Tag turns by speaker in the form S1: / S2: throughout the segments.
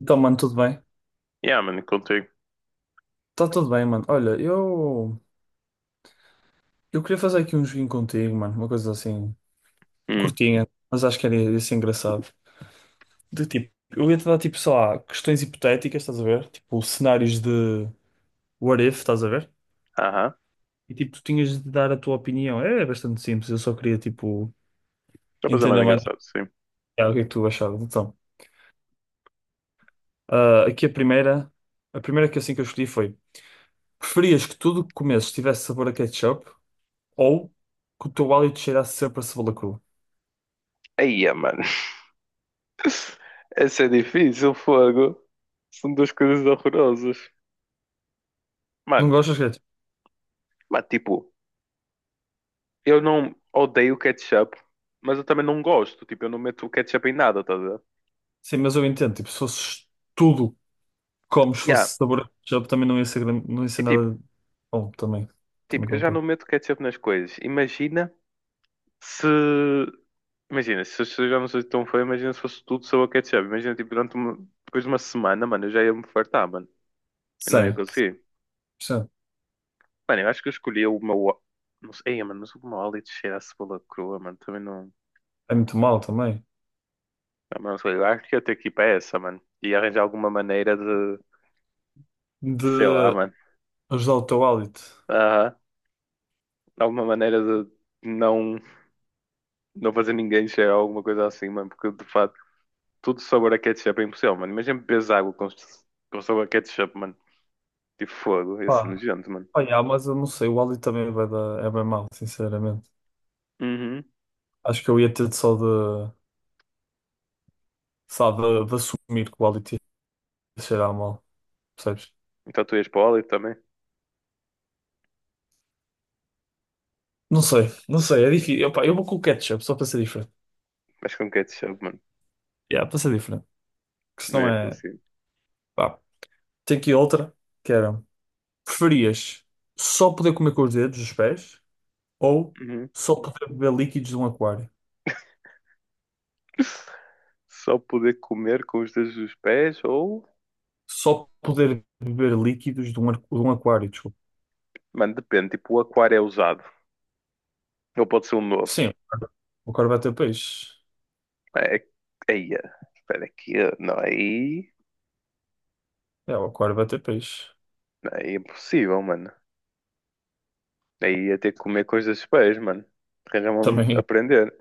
S1: Então, mano, tudo bem?
S2: Yeah, mano, contigo.
S1: Tá tudo bem, mano. Olha, eu queria fazer aqui um joguinho contigo, mano. Uma coisa assim,
S2: Hum,
S1: curtinha, mas acho que era ia ser engraçado. De tipo, eu ia te dar tipo, sei lá, questões hipotéticas, estás a ver? Tipo, cenários de what if, estás a ver?
S2: aham.
S1: E tipo, tu tinhas de dar a tua opinião. É, bastante simples, eu só queria tipo
S2: Já para ser
S1: entender
S2: mais
S1: mais
S2: engraçado, sim.
S1: o que é que tu achavas. Então, aqui a primeira que assim que eu escolhi foi: preferias que tudo que comesses tivesse sabor a ketchup ou que o teu hálito cheirasse sempre a cebola crua?
S2: Aí, mano. Essa é difícil, fogo. São duas coisas horrorosas.
S1: Não
S2: Mano,
S1: gostas de ketchup?
S2: mas tipo, eu não odeio ketchup, mas eu também não gosto. Tipo, eu não meto ketchup em nada, tá a ver?
S1: Sim, mas eu entendo, tipo, se fosses tudo como se
S2: Yeah.
S1: fosse sabor de ketchup, também não ia ser, não ia ser
S2: E tipo,
S1: nada bom, também. Também
S2: eu já não
S1: concordo.
S2: meto ketchup nas coisas. Imagina se. Imagina, se eu já não sou tão fã, imagina se fosse tudo só o ketchup. Imagina, tipo, durante uma... depois de uma semana, mano, eu já ia me fartar, mano. Eu não ia
S1: Sim,
S2: conseguir.
S1: sim.
S2: Mano, eu acho que eu escolhi uma. Não sei, mano, mas uma wallet cheira a cebola crua, mano. Também não.
S1: É muito mal também.
S2: Ah, mano, não sei, eu acho que ia ter que ir para essa, mano. E arranjar alguma maneira de. Sei lá,
S1: De
S2: mano.
S1: ajudar o teu hálito.
S2: Aham. Alguma maneira de não. Não fazer ninguém cheirar alguma coisa assim, mano. Porque de facto tudo sabor a ketchup é impossível, mano. Imagina bebes água com sabor a ketchup, mano. Tipo fogo, ia ser
S1: Pá,
S2: nojento, mano.
S1: olha, mas eu não sei, o hálito também vai dar, é bem mal, sinceramente.
S2: Uhum.
S1: Acho que eu ia ter só de, de assumir que o hálito ia cheirar mal, percebes?
S2: Então tu ias para o óleo também.
S1: Não sei, não sei, é difícil. Eu, pá, eu vou com o ketchup, só para ser diferente.
S2: Mas com ketchup, mano.
S1: Yeah, para ser diferente. Que se
S2: Não
S1: não
S2: ia
S1: é.
S2: conseguir.
S1: Pá, tem aqui outra, que era. Preferias só poder comer com os dedos, os pés, ou só poder beber líquidos de um aquário?
S2: Só poder comer com os dedos dos pés ou.
S1: Só poder beber líquidos de um, de um aquário, desculpa.
S2: Mano, depende. Tipo, o aquário é usado. Ou pode ser um novo.
S1: Sim, o aquário vai ter peixe.
S2: É. é, aí, espera aqui. Não, aí.
S1: É, o aquário vai ter peixe.
S2: Não, aí é impossível, mano. Aí ia ter que comer coisas dos pés, mano. Arranjar-me a
S1: Também,
S2: aprender.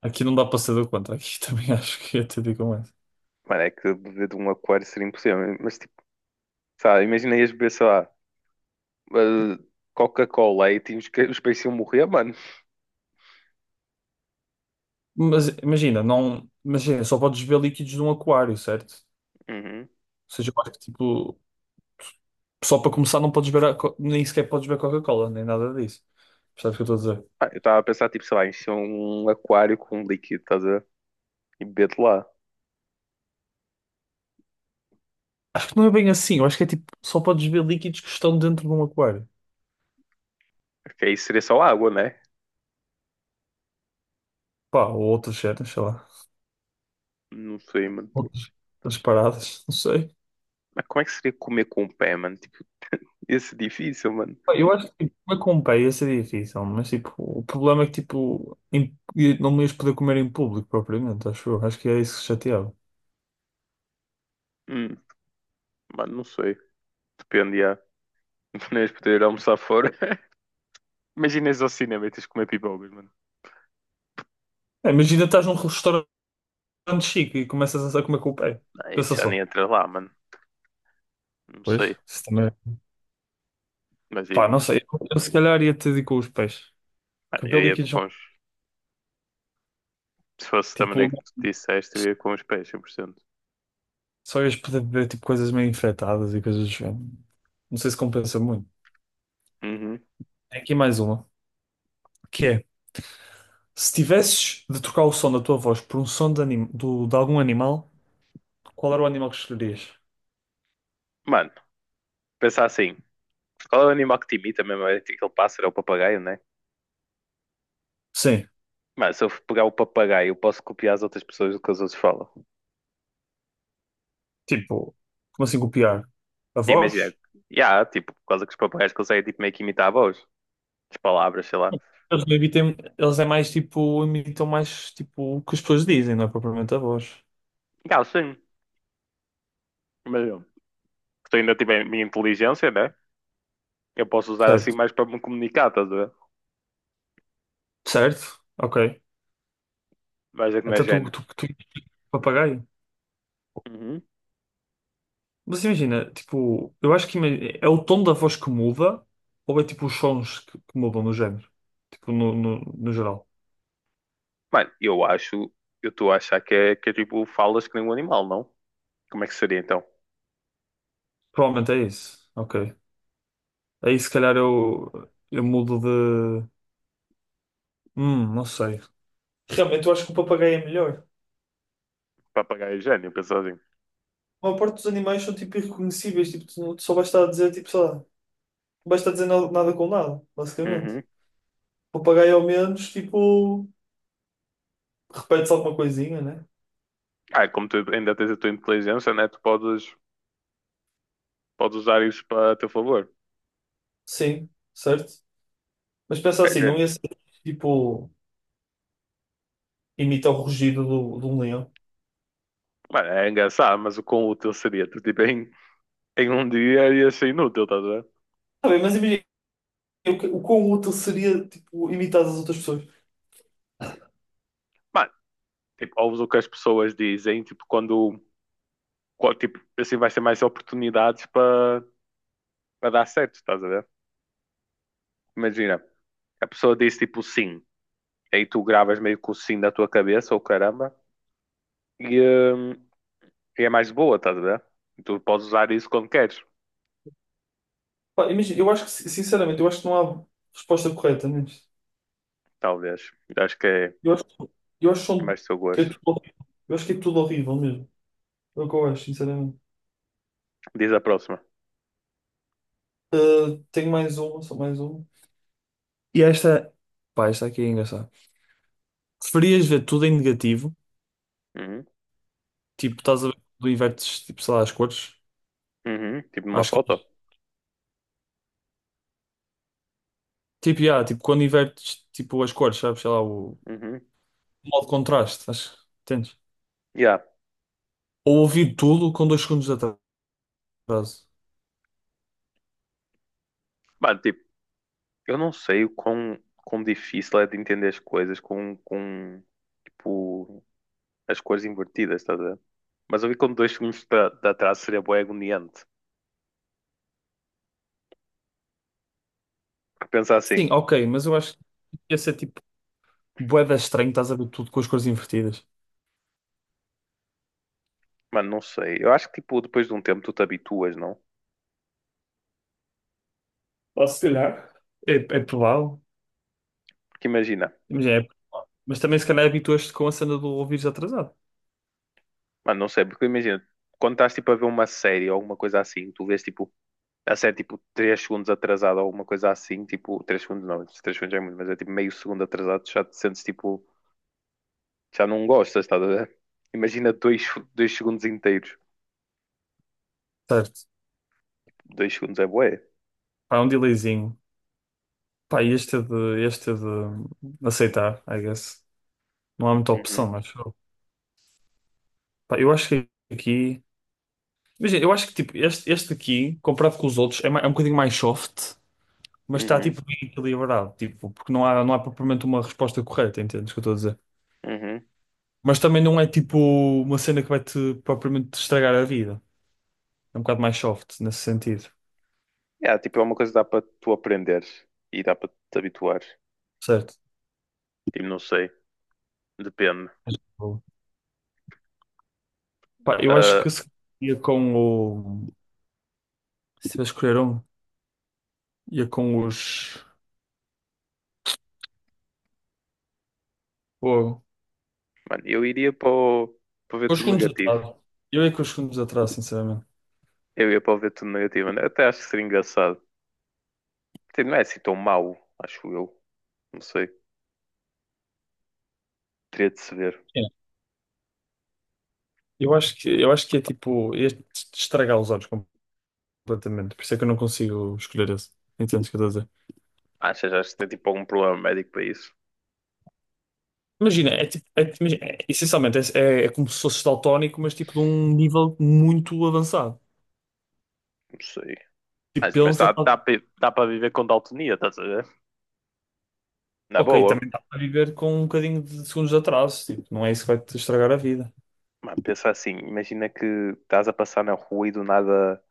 S1: aqui não dá para ser do contra. Aqui também acho que ia ter de ir com essa.
S2: Mano, é que beber de um aquário seria impossível. Mas, tipo, sabe, imagina ias beber, sei lá, eh, Coca-Cola e tinhas que os peixes iam morrer, mano.
S1: Mas imagina, não, imagina, só podes beber líquidos de um aquário, certo?
S2: Uhum.
S1: Ou seja, eu acho que tipo, só para começar não podes beber, nem sequer podes beber Coca-Cola, nem nada disso. Percebes o que eu estou a dizer?
S2: Ah, eu estava a pensar, tipo, sei lá, encher um aquário com um líquido, estás a ver? E beber de lá.
S1: Acho que não é bem assim. Eu acho que é tipo, só podes ver líquidos que estão dentro de um aquário.
S2: Porque aí seria só água, né?
S1: Pá, ou outras cenas, sei lá.
S2: Não sei, mano.
S1: Outras, outras paradas, não sei.
S2: Mas como é que seria comer com o pé, mano? Tipo, ia ser difícil, mano.
S1: Pá, eu acho que tipo, comer com pé ia ser difícil, mas tipo, o problema é que tipo, não me ias poder comer em público propriamente, acho eu. Acho que é isso que chateava.
S2: Hum, mano, não sei. Depende, já. Não ias poder almoçar fora. Imagina só ao cinema e tens de comer pipocas, mano.
S1: É, imagina estás num restaurante chique e começas a comer com o pé.
S2: Aí tu
S1: Pensa
S2: já nem
S1: só.
S2: entras lá, mano. Não sei.
S1: Pois, isso também.
S2: Mas diz
S1: Pá, não
S2: mais.
S1: sei. Eu se calhar ia ter de ir com os pés. Porque
S2: Mano, eu
S1: ver
S2: ia
S1: líquidos,
S2: com os... Se fosse da maneira
S1: tipo,
S2: que tu disseste, eu ia com os pés, 100%.
S1: só ias poder beber tipo, coisas meio infectadas e coisas do género. Não sei se compensa muito.
S2: Uhum.
S1: Tem aqui mais uma, que é, se tivesses de trocar o som da tua voz por um som de, de algum animal, qual era o animal que escolherias?
S2: Mano, pensar assim. Qual é o animal que te imita mesmo? É tipo aquele pássaro, é o papagaio, né?
S1: Sim,
S2: Mano, se eu pegar o papagaio, eu posso copiar as outras pessoas do que os outros falam.
S1: tipo, como assim copiar? A
S2: Sim, imagina.
S1: voz?
S2: Yeah, tipo, por causa que os papagaios conseguem tipo, meio que imitar a voz, as palavras, sei lá.
S1: Eles não imitam, eles é mais tipo, imitam mais tipo o que as pessoas dizem, não é propriamente a voz.
S2: Yeah, sim. Mas eu que ainda tiver a minha inteligência, né? Eu posso usar assim
S1: Certo.
S2: mais para me comunicar, estás a ver?
S1: Certo? Ok.
S2: Vais ver como é
S1: Até tu,
S2: gênio.
S1: tu, tu, papagaio.
S2: Uhum.
S1: Mas imagina, tipo, eu acho que é o tom da voz que muda ou é tipo os sons que mudam no género? Tipo, no geral.
S2: Mano, eu acho, eu estou a achar que é tipo falas que nem um animal, não? Como é que seria então?
S1: Provavelmente é isso. Ok. Aí se calhar eu mudo de. Não sei. Realmente eu acho que o papagaio é melhor.
S2: Papagaio é gênio, pensa assim.
S1: A maior parte dos animais são tipo irreconhecíveis, tipo, tu não- tu só vais estar a dizer, tipo, sei lá, não vais estar a dizer nada, nada com nada, basicamente.
S2: Uhum.
S1: O papagaio ao menos, tipo, repete-se alguma coisinha, né?
S2: Ah, como tu ainda tens a tua inteligência, né? Tu podes, podes usar isso para teu favor.
S1: Sim, certo? Mas pensa
S2: É
S1: assim, não
S2: gênio.
S1: ia ser tipo, imita o rugido do, de um leão.
S2: Mano, é engraçado, mas o quão útil seria? Tu tipo, em um dia ia ser inútil, tá vendo?
S1: Tá bem, mas imagina o quão útil seria, tipo, imitar as outras pessoas.
S2: Mano, tipo, ouves o que as pessoas dizem, tipo, quando, qual- tipo, assim vai ser mais oportunidades para dar certo, estás a ver? Imagina, a pessoa diz tipo sim, aí tu gravas meio que o sim da tua cabeça, ou caramba, e, hum, e é mais boa, estás a ver? E tu podes usar isso quando queres,
S1: Pá, imagina, eu acho que, sinceramente, eu acho que não há resposta correta nisto.
S2: talvez. Eu acho que é,
S1: Eu acho, que- eu acho que
S2: é
S1: são-
S2: mais do seu
S1: é
S2: gosto.
S1: tudo horrível. Eu acho que é tudo horrível mesmo. É o que eu acho, sinceramente.
S2: Diz a próxima.
S1: Ah, tenho mais uma, só mais uma. E esta, pá, esta aqui é engraçada. Preferias ver tudo em negativo?
S2: Uhum,
S1: Tipo, estás a ver quando invertes, tipo, sei lá, as cores?
S2: uhum, tipo numa
S1: Acho que
S2: foto.
S1: é. Tipo, yeah, tipo, quando invertes, tipo, as cores, sabes? Sei lá, o
S2: Uhum,
S1: modo de contraste, acho entendes?
S2: yeah.
S1: Ou ouvir tudo com dois segundos de atraso.
S2: Mano, tipo, eu não sei o quão, quão difícil é de entender as coisas com tipo, as cores invertidas, estás a ver? Mas eu vi com 2 segundos de atraso seria bué agoniante. Porque pensar assim,
S1: Sim, ok, mas eu acho que ia ser tipo bué da estranho, estás a ver tudo com as cores invertidas.
S2: mano, não sei. Eu acho que, tipo, depois de um tempo tu te habituas, não?
S1: Ou se calhar, é provável.
S2: Porque imagina,
S1: Imagina, mas também se calhar habituaste com a cena do ouvires atrasado.
S2: mano, não sei, porque imagina, quando estás, tipo, a ver uma série ou alguma coisa assim, tu vês, tipo, a série, tipo, 3 segundos atrasada ou alguma coisa assim, tipo, 3 segundos não, 3 segundos já é muito, mas é, tipo, meio segundo atrasado, tu já te sentes, tipo, já não gostas, estás a ver? Imagina 2, 2 segundos inteiros.
S1: Certo.
S2: Dois segundos é bué.
S1: Pá, é um delayzinho. Pá, este é de aceitar, I guess. Não há muita opção,
S2: Uhum,
S1: mas pá, eu acho que aqui. Imagina, eu acho que tipo, este aqui, comparado com os outros, é, é um bocadinho mais soft. Mas está
S2: uhum,
S1: tipo bem equilibrado, tipo, porque não há propriamente uma resposta correta, entendes o que eu estou a dizer?
S2: uhum.
S1: Mas também não é tipo uma cena que vai-te propriamente te estragar a vida. É um bocado mais soft nesse sentido,
S2: Yeah, tipo, é uma coisa que dá para tu aprenderes e dá para te habituares.
S1: certo?
S2: Tipo, não sei, depende.
S1: Mas, tipo, pá, eu acho
S2: Ah,
S1: que se ia com o. Se tivesse que escolher um, ia com os. Pô,
S2: mano, eu iria para o, para ver
S1: com os
S2: tudo
S1: segundos
S2: negativo.
S1: atrás. Eu ia com os segundos atrás, sinceramente.
S2: Eu ia para o ver tudo negativo, mano. Até acho que seria engraçado. Tipo, não é assim tão mau, acho eu. Não sei, teria de se ver.
S1: É, eu acho que é tipo ia te estragar os olhos completamente, por isso é que eu não consigo escolher esse. Entendes o que eu estou a dizer?
S2: Achas, achas que tem tipo algum problema médico para isso?
S1: Imagina, imagina, essencialmente é como se fosse daltónico, mas tipo de um nível muito avançado.
S2: Não sei.
S1: Tipo,
S2: Mas
S1: pensa,
S2: dá, dá, para dá para viver com daltonia, estás a ver? Na
S1: ok,
S2: boa.
S1: também está a viver com um bocadinho de segundos de atraso, tipo, não é isso que vai te estragar a vida.
S2: Mano, pensa assim, imagina que estás a passar na rua e do nada,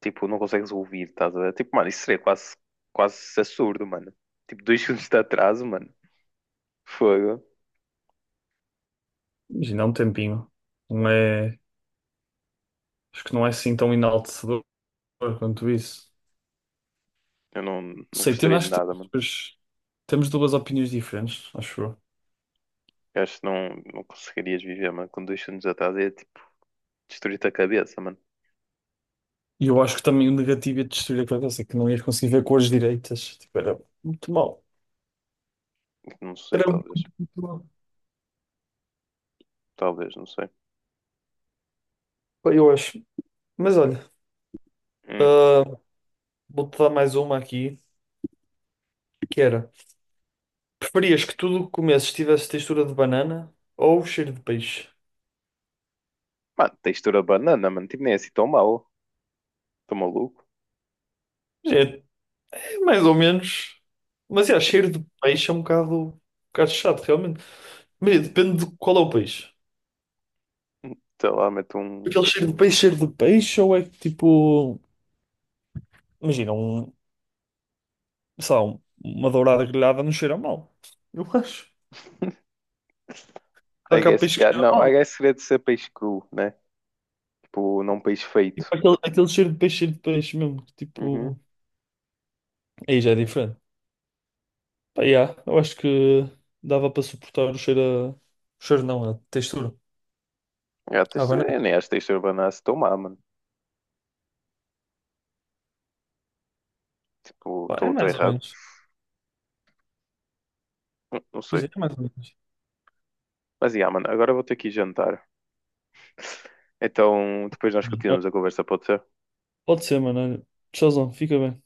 S2: tipo, não consegues ouvir, estás a ver? Tipo, mano, isso seria quase, quase absurdo, mano. Tipo, 2 segundos de atraso, mano. Fogo.
S1: Imagina, é um tempinho. Não é, acho que não é assim tão enaltecedor quanto isso.
S2: Eu não,
S1: Não
S2: não
S1: sei,
S2: gostaria de
S1: acho que
S2: nada, mano.
S1: temos duas opiniões diferentes, acho eu.
S2: Eu acho que não, não conseguirias viver, mano. Com dois segundos de atraso ia, tipo, destruir-te a cabeça, mano.
S1: E eu acho que também o negativo ia destruir a cabeça, que não ias conseguir ver cores direitas. Tipo, era muito mal.
S2: Não sei,
S1: Era muito,
S2: talvez.
S1: muito mal.
S2: Talvez, não sei.
S1: Eu acho. Mas olha.
S2: Hum.
S1: Ah, vou-te dar mais uma aqui, que era, preferias que tudo o que comesses tivesse textura de banana ou cheiro de peixe?
S2: Mano, textura banana, mano. Tipo, nem é assim tão mau. Tô maluco.
S1: Gente, é mais ou menos, mas é, cheiro de peixe é um bocado chato, realmente. Mas é, depende de qual é o peixe.
S2: Sei lá, meto um...
S1: Aquele cheiro de peixe, ou é que tipo, imagina, sei lá, uma dourada grelhada não cheira mal. Eu acho. Só
S2: I
S1: que há
S2: guess
S1: peixe
S2: que
S1: que
S2: há...
S1: cheira
S2: Não, I
S1: mal.
S2: guess seria de ser peixe cru, né? Tipo, não peixe feito.
S1: Tipo, aquele cheiro de peixe mesmo, que,
S2: Uhum.
S1: tipo, aí já é diferente. Pá, yeah, eu acho que dava para suportar o cheiro a... O cheiro não, a textura.
S2: É, a
S1: A
S2: textura,
S1: banana.
S2: eu nem acho a textura banana assim tão má, mano. Tipo,
S1: Pá, é
S2: estou
S1: mais ou
S2: errado.
S1: menos.
S2: Não, não
S1: Pois
S2: sei.
S1: é, é mais ou menos.
S2: Mas, yeah, mano, agora eu vou ter que ir jantar. Então, depois nós
S1: Sim.
S2: continuamos a conversa, pode ser?
S1: Pode ser, mano. Olha. Tchauzão, fica bem.